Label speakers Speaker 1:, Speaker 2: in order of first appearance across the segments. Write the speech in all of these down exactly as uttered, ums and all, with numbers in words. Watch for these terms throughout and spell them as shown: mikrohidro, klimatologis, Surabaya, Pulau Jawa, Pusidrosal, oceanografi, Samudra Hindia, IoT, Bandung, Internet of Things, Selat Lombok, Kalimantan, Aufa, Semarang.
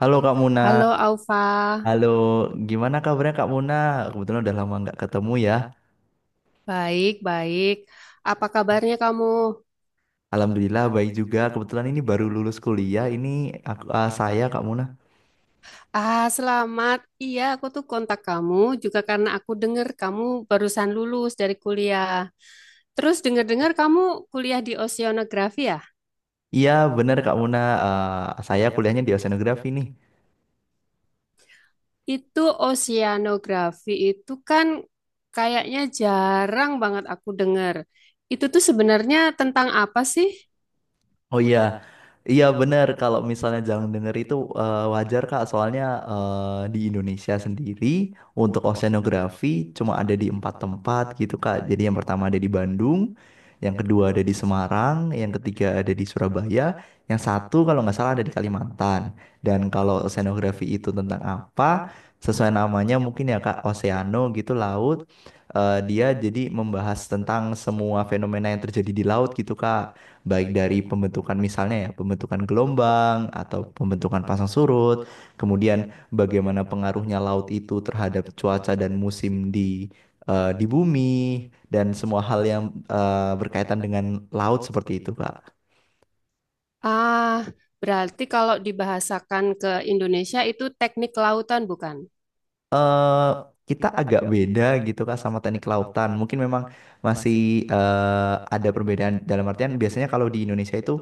Speaker 1: Halo Kak Muna,
Speaker 2: Halo Aufa,
Speaker 1: halo, gimana kabarnya Kak Muna? Kebetulan udah lama nggak ketemu ya.
Speaker 2: baik-baik. Apa kabarnya kamu?
Speaker 1: Alhamdulillah baik juga. Kebetulan ini baru lulus kuliah. Ini aku, ah, saya Kak Muna.
Speaker 2: Ah, selamat. Iya, aku tuh kontak kamu juga karena aku dengar kamu barusan lulus dari kuliah. Terus dengar-dengar kamu kuliah di oceanografi ya?
Speaker 1: Iya bener Kak Muna. Ah, saya kuliahnya di oceanografi nih.
Speaker 2: Itu oceanografi itu kan kayaknya jarang banget aku dengar. Itu tuh sebenarnya tentang apa sih?
Speaker 1: Oh iya, iya benar. Kalau misalnya jangan denger itu eh, wajar Kak. Soalnya eh, di Indonesia sendiri untuk oceanografi cuma ada di empat tempat gitu Kak. Jadi yang pertama ada di Bandung, yang kedua ada di Semarang, yang ketiga ada di Surabaya, yang satu kalau nggak salah ada di Kalimantan. Dan kalau oceanografi itu tentang apa? Sesuai namanya mungkin ya Kak, oceano gitu laut. Eh, dia jadi membahas tentang semua fenomena yang terjadi di laut gitu Kak, baik dari pembentukan misalnya ya, pembentukan gelombang atau pembentukan pasang surut, kemudian bagaimana pengaruhnya laut itu terhadap cuaca dan musim di eh, di bumi dan semua hal yang eh, berkaitan dengan laut seperti itu, Kak.
Speaker 2: Ah, berarti kalau dibahasakan ke Indonesia itu teknik lautan bukan?
Speaker 1: eh Kita agak beda gitu Kak sama teknik lautan. Mungkin memang masih eh, ada perbedaan dalam artian biasanya kalau di Indonesia itu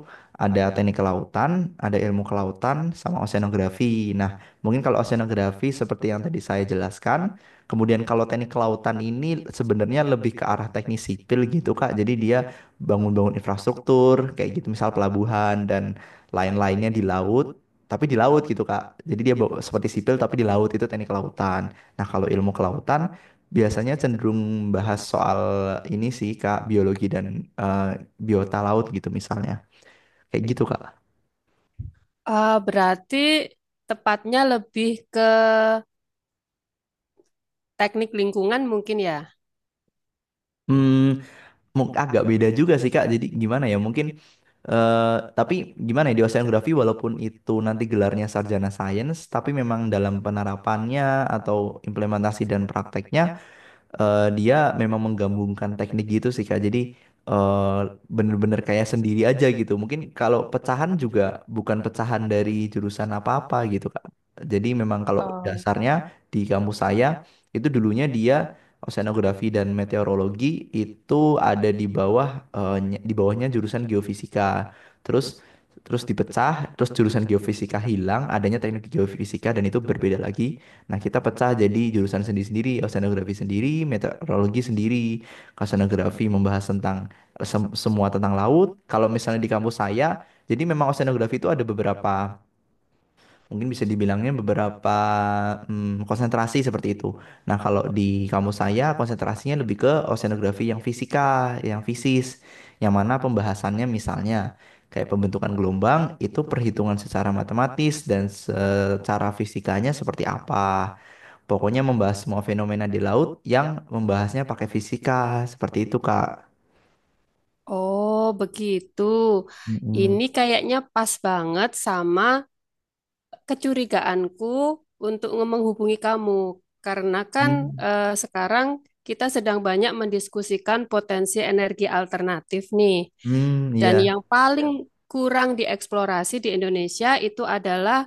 Speaker 1: ada teknik kelautan, ada ilmu kelautan sama oceanografi. Nah, mungkin kalau oceanografi seperti yang tadi saya jelaskan, kemudian kalau teknik kelautan ini sebenarnya lebih ke arah teknik sipil gitu Kak. Jadi dia bangun-bangun infrastruktur kayak gitu misal pelabuhan dan lain-lainnya di laut, tapi di laut gitu Kak. Jadi dia bawa- seperti sipil tapi di laut itu teknik kelautan. Nah, kalau ilmu kelautan biasanya cenderung bahas soal ini sih Kak, biologi dan eh, biota laut gitu misalnya. Kayak gitu Kak.
Speaker 2: Ah, berarti tepatnya lebih ke teknik lingkungan mungkin ya?
Speaker 1: Hmm, mung- agak beda juga sih Kak. Jadi gimana ya? Mungkin eh tapi gimana ya, di oceanografi walaupun itu nanti gelarnya sarjana sains, tapi memang dalam penerapannya atau implementasi dan prakteknya eh, dia memang menggabungkan teknik gitu sih Kak. Jadi eh, bener-bener kayak sendiri aja gitu. Mungkin kalau pecahan juga bukan pecahan dari jurusan apa-apa gitu Kak. Jadi memang kalau
Speaker 2: Oh,
Speaker 1: dasarnya di kampus saya itu dulunya dia oceanografi dan meteorologi itu ada di bawah eh, ny- di bawahnya jurusan geofisika. Terus terus dipecah, terus jurusan geofisika hilang, adanya teknik geofisika dan itu berbeda lagi. Nah, kita pecah jadi jurusan sendiri-sendiri, oceanografi sendiri, meteorologi sendiri, oceanografi membahas tentang eh, sem- semua tentang laut. Kalau misalnya di kampus saya, jadi memang oceanografi itu ada beberapa, mungkin bisa dibilangnya beberapa mm, konsentrasi seperti itu. Nah, kalau di kampus saya, konsentrasinya lebih ke oceanografi yang fisika, yang fisis, yang mana pembahasannya misalnya kayak pembentukan gelombang, itu perhitungan secara matematis dan secara fisikanya seperti apa. Pokoknya membahas semua fenomena di laut yang membahasnya pakai fisika, seperti itu, Kak.
Speaker 2: Oh, begitu.
Speaker 1: Mm-mm.
Speaker 2: Ini kayaknya pas banget sama kecurigaanku untuk nge- menghubungi kamu. Karena kan
Speaker 1: Hmm,
Speaker 2: eh, sekarang kita sedang banyak mendiskusikan potensi energi alternatif nih.
Speaker 1: hmm,
Speaker 2: Dan
Speaker 1: iya,
Speaker 2: yang paling kurang dieksplorasi di Indonesia itu adalah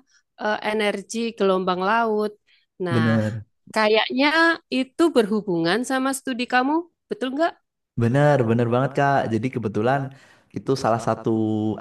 Speaker 2: eh, energi gelombang laut. Nah,
Speaker 1: bener.
Speaker 2: kayaknya itu berhubungan sama studi kamu, betul nggak?
Speaker 1: Bener, bener banget Kak. Jadi kebetulan itu salah satu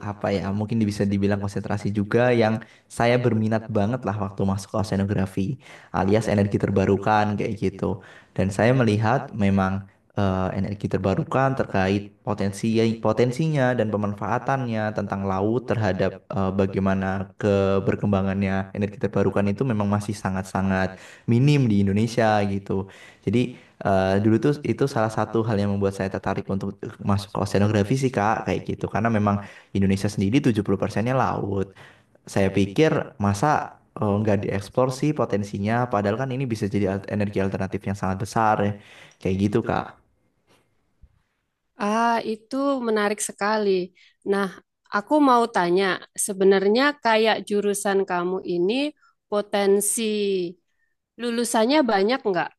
Speaker 1: apa ya, mungkin bisa dibilang konsentrasi juga yang saya berminat banget lah waktu masuk ke oceanografi alias energi terbarukan kayak gitu. Dan saya melihat memang eh, energi terbarukan terkait potensi potensinya dan pemanfaatannya tentang laut terhadap eh, bagaimana keberkembangannya energi terbarukan itu memang masih sangat-sangat minim di Indonesia gitu. Jadi, Eh, dulu tuh itu salah satu hal yang membuat saya tertarik untuk masuk ke oceanografi sih Kak, kayak gitu. Karena memang Indonesia sendiri tujuh puluh persennya laut. Saya pikir masa eh, nggak dieksplor sih potensinya, padahal kan ini bisa jadi al- energi alternatif yang sangat besar ya. Kayak gitu Kak.
Speaker 2: Ah, itu menarik sekali. Nah, aku mau tanya, sebenarnya kayak jurusan kamu ini potensi lulusannya banyak nggak?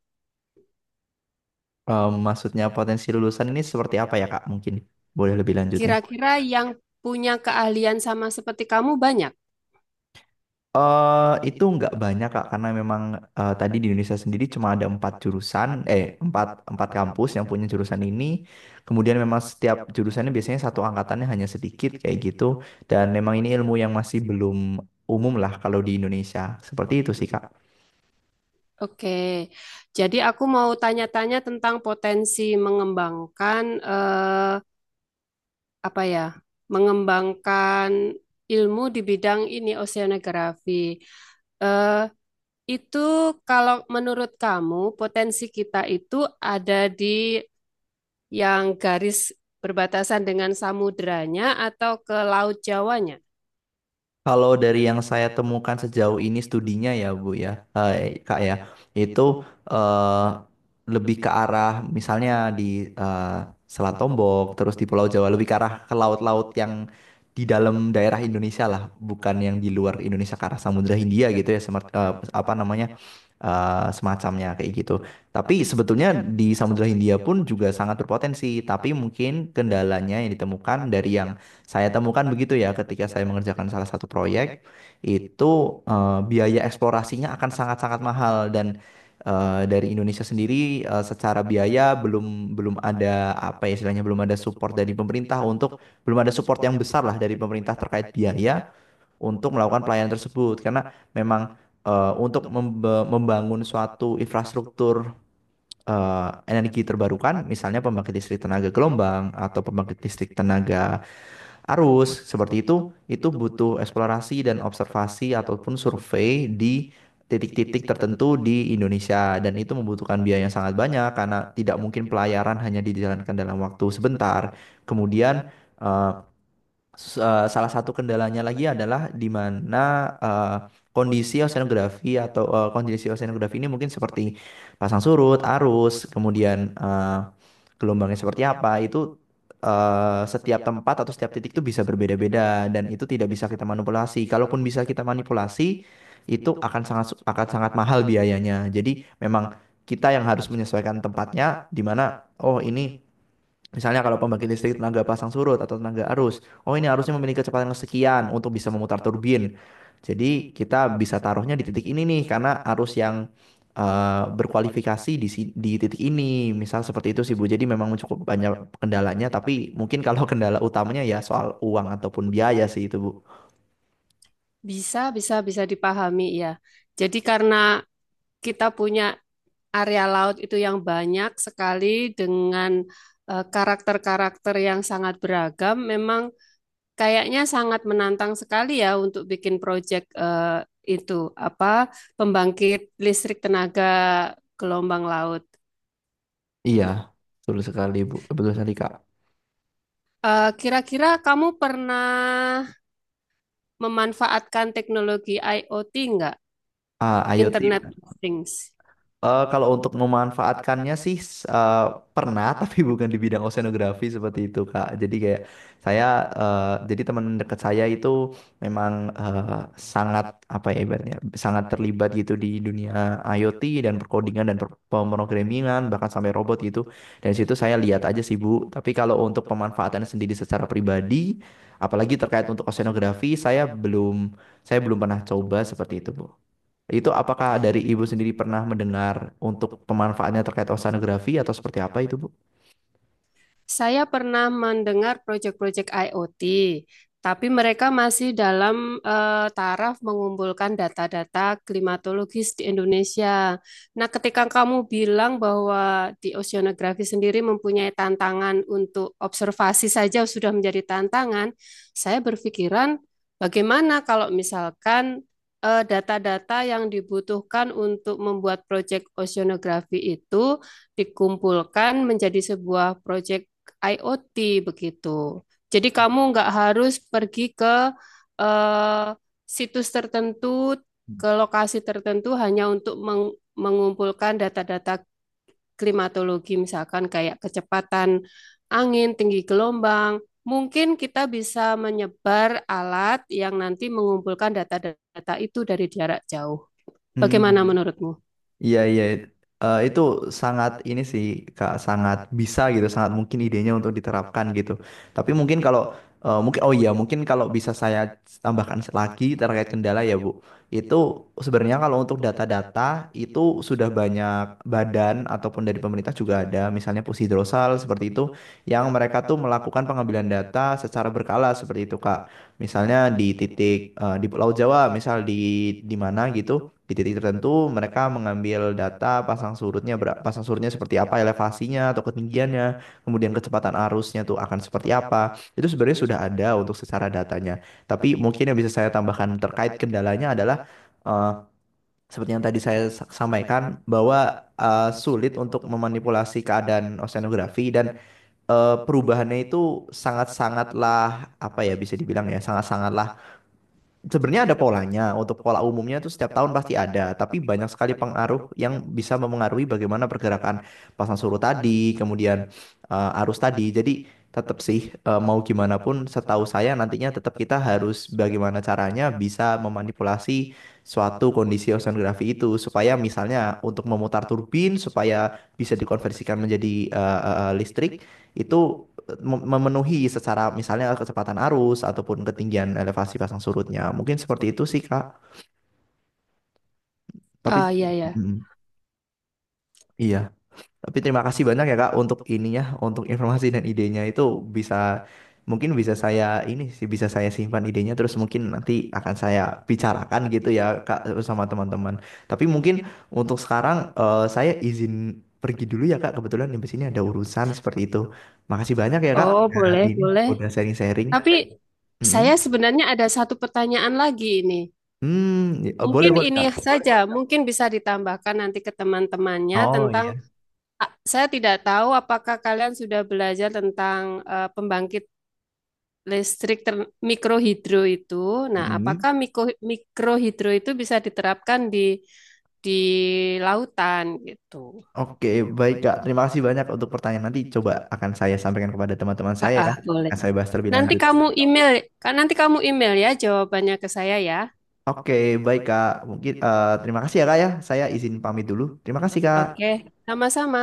Speaker 1: Eh, maksudnya potensi lulusan ini seperti apa ya Kak? Mungkin boleh lebih lanjutnya.
Speaker 2: Kira-kira yang punya keahlian sama seperti kamu banyak?
Speaker 1: Eh, itu nggak banyak Kak, karena memang eh, tadi di Indonesia sendiri cuma ada empat jurusan, eh empat, empat kampus yang punya jurusan ini. Kemudian memang setiap jurusannya biasanya satu angkatannya hanya sedikit kayak gitu. Dan memang ini ilmu yang masih belum umum lah kalau di Indonesia. Seperti itu sih Kak.
Speaker 2: Oke, jadi aku mau tanya-tanya tentang potensi mengembangkan eh, apa ya? Mengembangkan ilmu di bidang ini oceanografi. Eh, itu kalau menurut kamu potensi kita itu ada di yang garis berbatasan dengan samudranya atau ke Laut Jawanya?
Speaker 1: Kalau dari yang saya temukan sejauh ini studinya ya Bu ya, eh, Kak ya, itu eh, lebih ke arah misalnya di eh, Selat Lombok, terus di Pulau Jawa, lebih ke arah ke laut-laut yang di dalam daerah Indonesia lah, bukan yang di luar Indonesia ke arah Samudra Hindia gitu ya, semar- eh, apa namanya eh, semacamnya kayak gitu. Tapi sebetulnya di Samudra Hindia pun juga sangat berpotensi, tapi mungkin kendalanya yang ditemukan dari yang saya temukan begitu ya ketika saya mengerjakan salah satu proyek itu eh, biaya eksplorasinya akan sangat-sangat mahal dan eh, dari Indonesia sendiri eh, secara biaya belum belum ada apa ya istilahnya, belum ada support dari pemerintah untuk belum ada support yang besar lah dari pemerintah terkait biaya untuk melakukan pelayanan tersebut karena memang eh, untuk membe- membangun suatu infrastruktur eh, energi terbarukan misalnya pembangkit listrik tenaga gelombang atau pembangkit listrik tenaga arus seperti itu itu butuh eksplorasi dan observasi ataupun survei di titik-titik tertentu di Indonesia dan itu membutuhkan biaya yang sangat banyak karena tidak mungkin pelayaran hanya dijalankan dalam waktu sebentar. Kemudian eh, s- eh, salah satu kendalanya lagi adalah di mana eh, kondisi oseanografi atau eh, kondisi oseanografi ini mungkin seperti pasang surut, arus, kemudian eh, gelombangnya seperti apa, itu eh, setiap tempat atau setiap titik itu bisa berbeda-beda dan itu tidak bisa kita manipulasi. Kalaupun bisa kita manipulasi, itu akan sangat akan sangat mahal biayanya. Jadi memang kita yang harus menyesuaikan tempatnya di mana, oh ini, misalnya kalau pembangkit listrik tenaga pasang surut atau tenaga arus, oh ini arusnya memiliki kecepatan sekian untuk bisa memutar turbin. Jadi kita bisa taruhnya di titik ini nih karena arus yang eh, berkualifikasi di si- di titik ini. Misal seperti itu sih Bu. Jadi memang cukup banyak kendalanya, tapi mungkin kalau kendala utamanya ya soal uang ataupun biaya sih itu Bu.
Speaker 2: Bisa, bisa, bisa dipahami ya. Jadi karena kita punya area laut itu yang banyak sekali dengan eh, karakter-karakter yang sangat beragam, memang kayaknya sangat menantang sekali ya untuk bikin proyek eh, itu apa, pembangkit listrik tenaga gelombang laut.
Speaker 1: Iya, betul sekali Bu. Betul sekali Kak.
Speaker 2: Eh, Kira-kira kamu pernah memanfaatkan teknologi I o T nggak?
Speaker 1: Ah,
Speaker 2: Internet
Speaker 1: IoT.
Speaker 2: of Things.
Speaker 1: Eh, kalau untuk memanfaatkannya sih s- eh, pernah tapi bukan di bidang oceanografi seperti itu Kak. Jadi kayak saya eh, jadi teman dekat saya itu memang eh, sangat apa ya ibaratnya sangat terlibat gitu di dunia IoT dan perkodingan dan per pemrogramingan bahkan sampai robot gitu. Dan situ saya lihat aja sih Bu. Tapi kalau untuk pemanfaatan sendiri secara pribadi apalagi terkait untuk oceanografi saya belum saya belum pernah coba seperti itu Bu. Itu apakah dari Ibu sendiri pernah mendengar untuk pemanfaatannya terkait oceanografi atau seperti apa itu, Bu?
Speaker 2: Saya pernah mendengar proyek-proyek I o T, tapi mereka masih dalam eh, taraf mengumpulkan data-data klimatologis di Indonesia. Nah, ketika kamu bilang bahwa di oceanografi sendiri mempunyai tantangan untuk observasi saja sudah menjadi tantangan, saya berpikiran bagaimana kalau misalkan eh, data-data yang dibutuhkan untuk membuat proyek oceanografi itu dikumpulkan menjadi sebuah proyek I o T begitu. Jadi kamu nggak harus pergi ke eh, situs tertentu, ke lokasi tertentu hanya untuk meng- mengumpulkan data-data klimatologi, misalkan kayak kecepatan angin, tinggi gelombang. Mungkin kita bisa menyebar alat yang nanti mengumpulkan data-data itu dari jarak jauh.
Speaker 1: Hmm.
Speaker 2: Bagaimana menurutmu?
Speaker 1: Iya iya, Eh, itu sangat ini sih Kak, sangat bisa gitu, sangat mungkin idenya untuk diterapkan gitu. Tapi mungkin kalau eh, mungkin oh iya mungkin kalau bisa saya tambahkan lagi terkait kendala ya Bu. Itu sebenarnya kalau untuk data-data itu sudah banyak badan ataupun dari pemerintah juga ada misalnya Pusidrosal seperti itu yang mereka tuh melakukan pengambilan data secara berkala seperti itu Kak. Misalnya di titik eh, di Pulau Jawa misal di di mana gitu, di titik tertentu mereka mengambil data pasang surutnya ber- pasang surutnya seperti apa, elevasinya atau ketinggiannya kemudian kecepatan arusnya tuh akan seperti apa, itu sebenarnya sudah ada untuk secara datanya, tapi mungkin yang bisa saya tambahkan terkait kendalanya adalah eh, seperti yang tadi saya sa- sampaikan bahwa eh, sulit untuk memanipulasi keadaan oseanografi dan eh, perubahannya itu sangat-sangatlah apa ya bisa dibilang ya sangat-sangatlah. Sebenarnya ada polanya. Untuk pola umumnya itu setiap tahun pasti ada, tapi banyak sekali pengaruh yang bisa memengaruhi bagaimana pergerakan pasang surut tadi, kemudian eh, arus tadi. Jadi tetap sih eh, mau gimana pun setahu saya nantinya tetap kita harus bagaimana caranya bisa memanipulasi suatu kondisi oceanografi itu supaya misalnya untuk memutar turbin supaya bisa dikonversikan menjadi eh, eh, eh, listrik itu memenuhi secara misalnya kecepatan arus ataupun ketinggian elevasi pasang surutnya. Mungkin seperti itu sih, Kak. Tapi,
Speaker 2: Ah, iya, ya.
Speaker 1: Mm, iya, tapi terima kasih banyak ya, Kak, untuk ininya, untuk informasi dan idenya itu bisa, mungkin bisa saya ini sih, bisa saya simpan idenya terus mungkin nanti akan saya bicarakan gitu ya, Kak, sama teman-teman. Tapi mungkin untuk sekarang eh, saya izin pergi dulu ya, Kak. Kebetulan di sini ada urusan seperti itu. Makasih banyak ya, Kak.
Speaker 2: Oh,
Speaker 1: Udah
Speaker 2: boleh,
Speaker 1: ini,
Speaker 2: boleh.
Speaker 1: udah sharing-sharing.
Speaker 2: Tapi
Speaker 1: Mm-mm.
Speaker 2: saya sebenarnya ada satu pertanyaan lagi ini.
Speaker 1: Hmm, ya- oh, boleh
Speaker 2: Mungkin
Speaker 1: boleh Kak.
Speaker 2: ini saja, mungkin bisa ditambahkan nanti ke teman-temannya
Speaker 1: Oh
Speaker 2: tentang,
Speaker 1: iya.
Speaker 2: ah, saya tidak tahu apakah kalian sudah belajar tentang eh, pembangkit listrik ter- mikrohidro itu. Nah,
Speaker 1: Mhm.
Speaker 2: apakah miko- mikrohidro itu bisa diterapkan di di lautan gitu.
Speaker 1: Oke, baik Kak. Terima kasih banyak untuk pertanyaan, nanti coba akan saya sampaikan kepada teman-teman
Speaker 2: Ah,
Speaker 1: saya ya.
Speaker 2: ah, boleh.
Speaker 1: Akan saya bahas terlebih
Speaker 2: Nanti
Speaker 1: lanjut.
Speaker 2: kamu email, kan nanti kamu email ya jawabannya ke saya ya.
Speaker 1: Oke, baik Kak. Mungkin eh, terima kasih ya Kak ya. Saya izin pamit dulu. Terima kasih Kak.
Speaker 2: Oke. Sama-sama.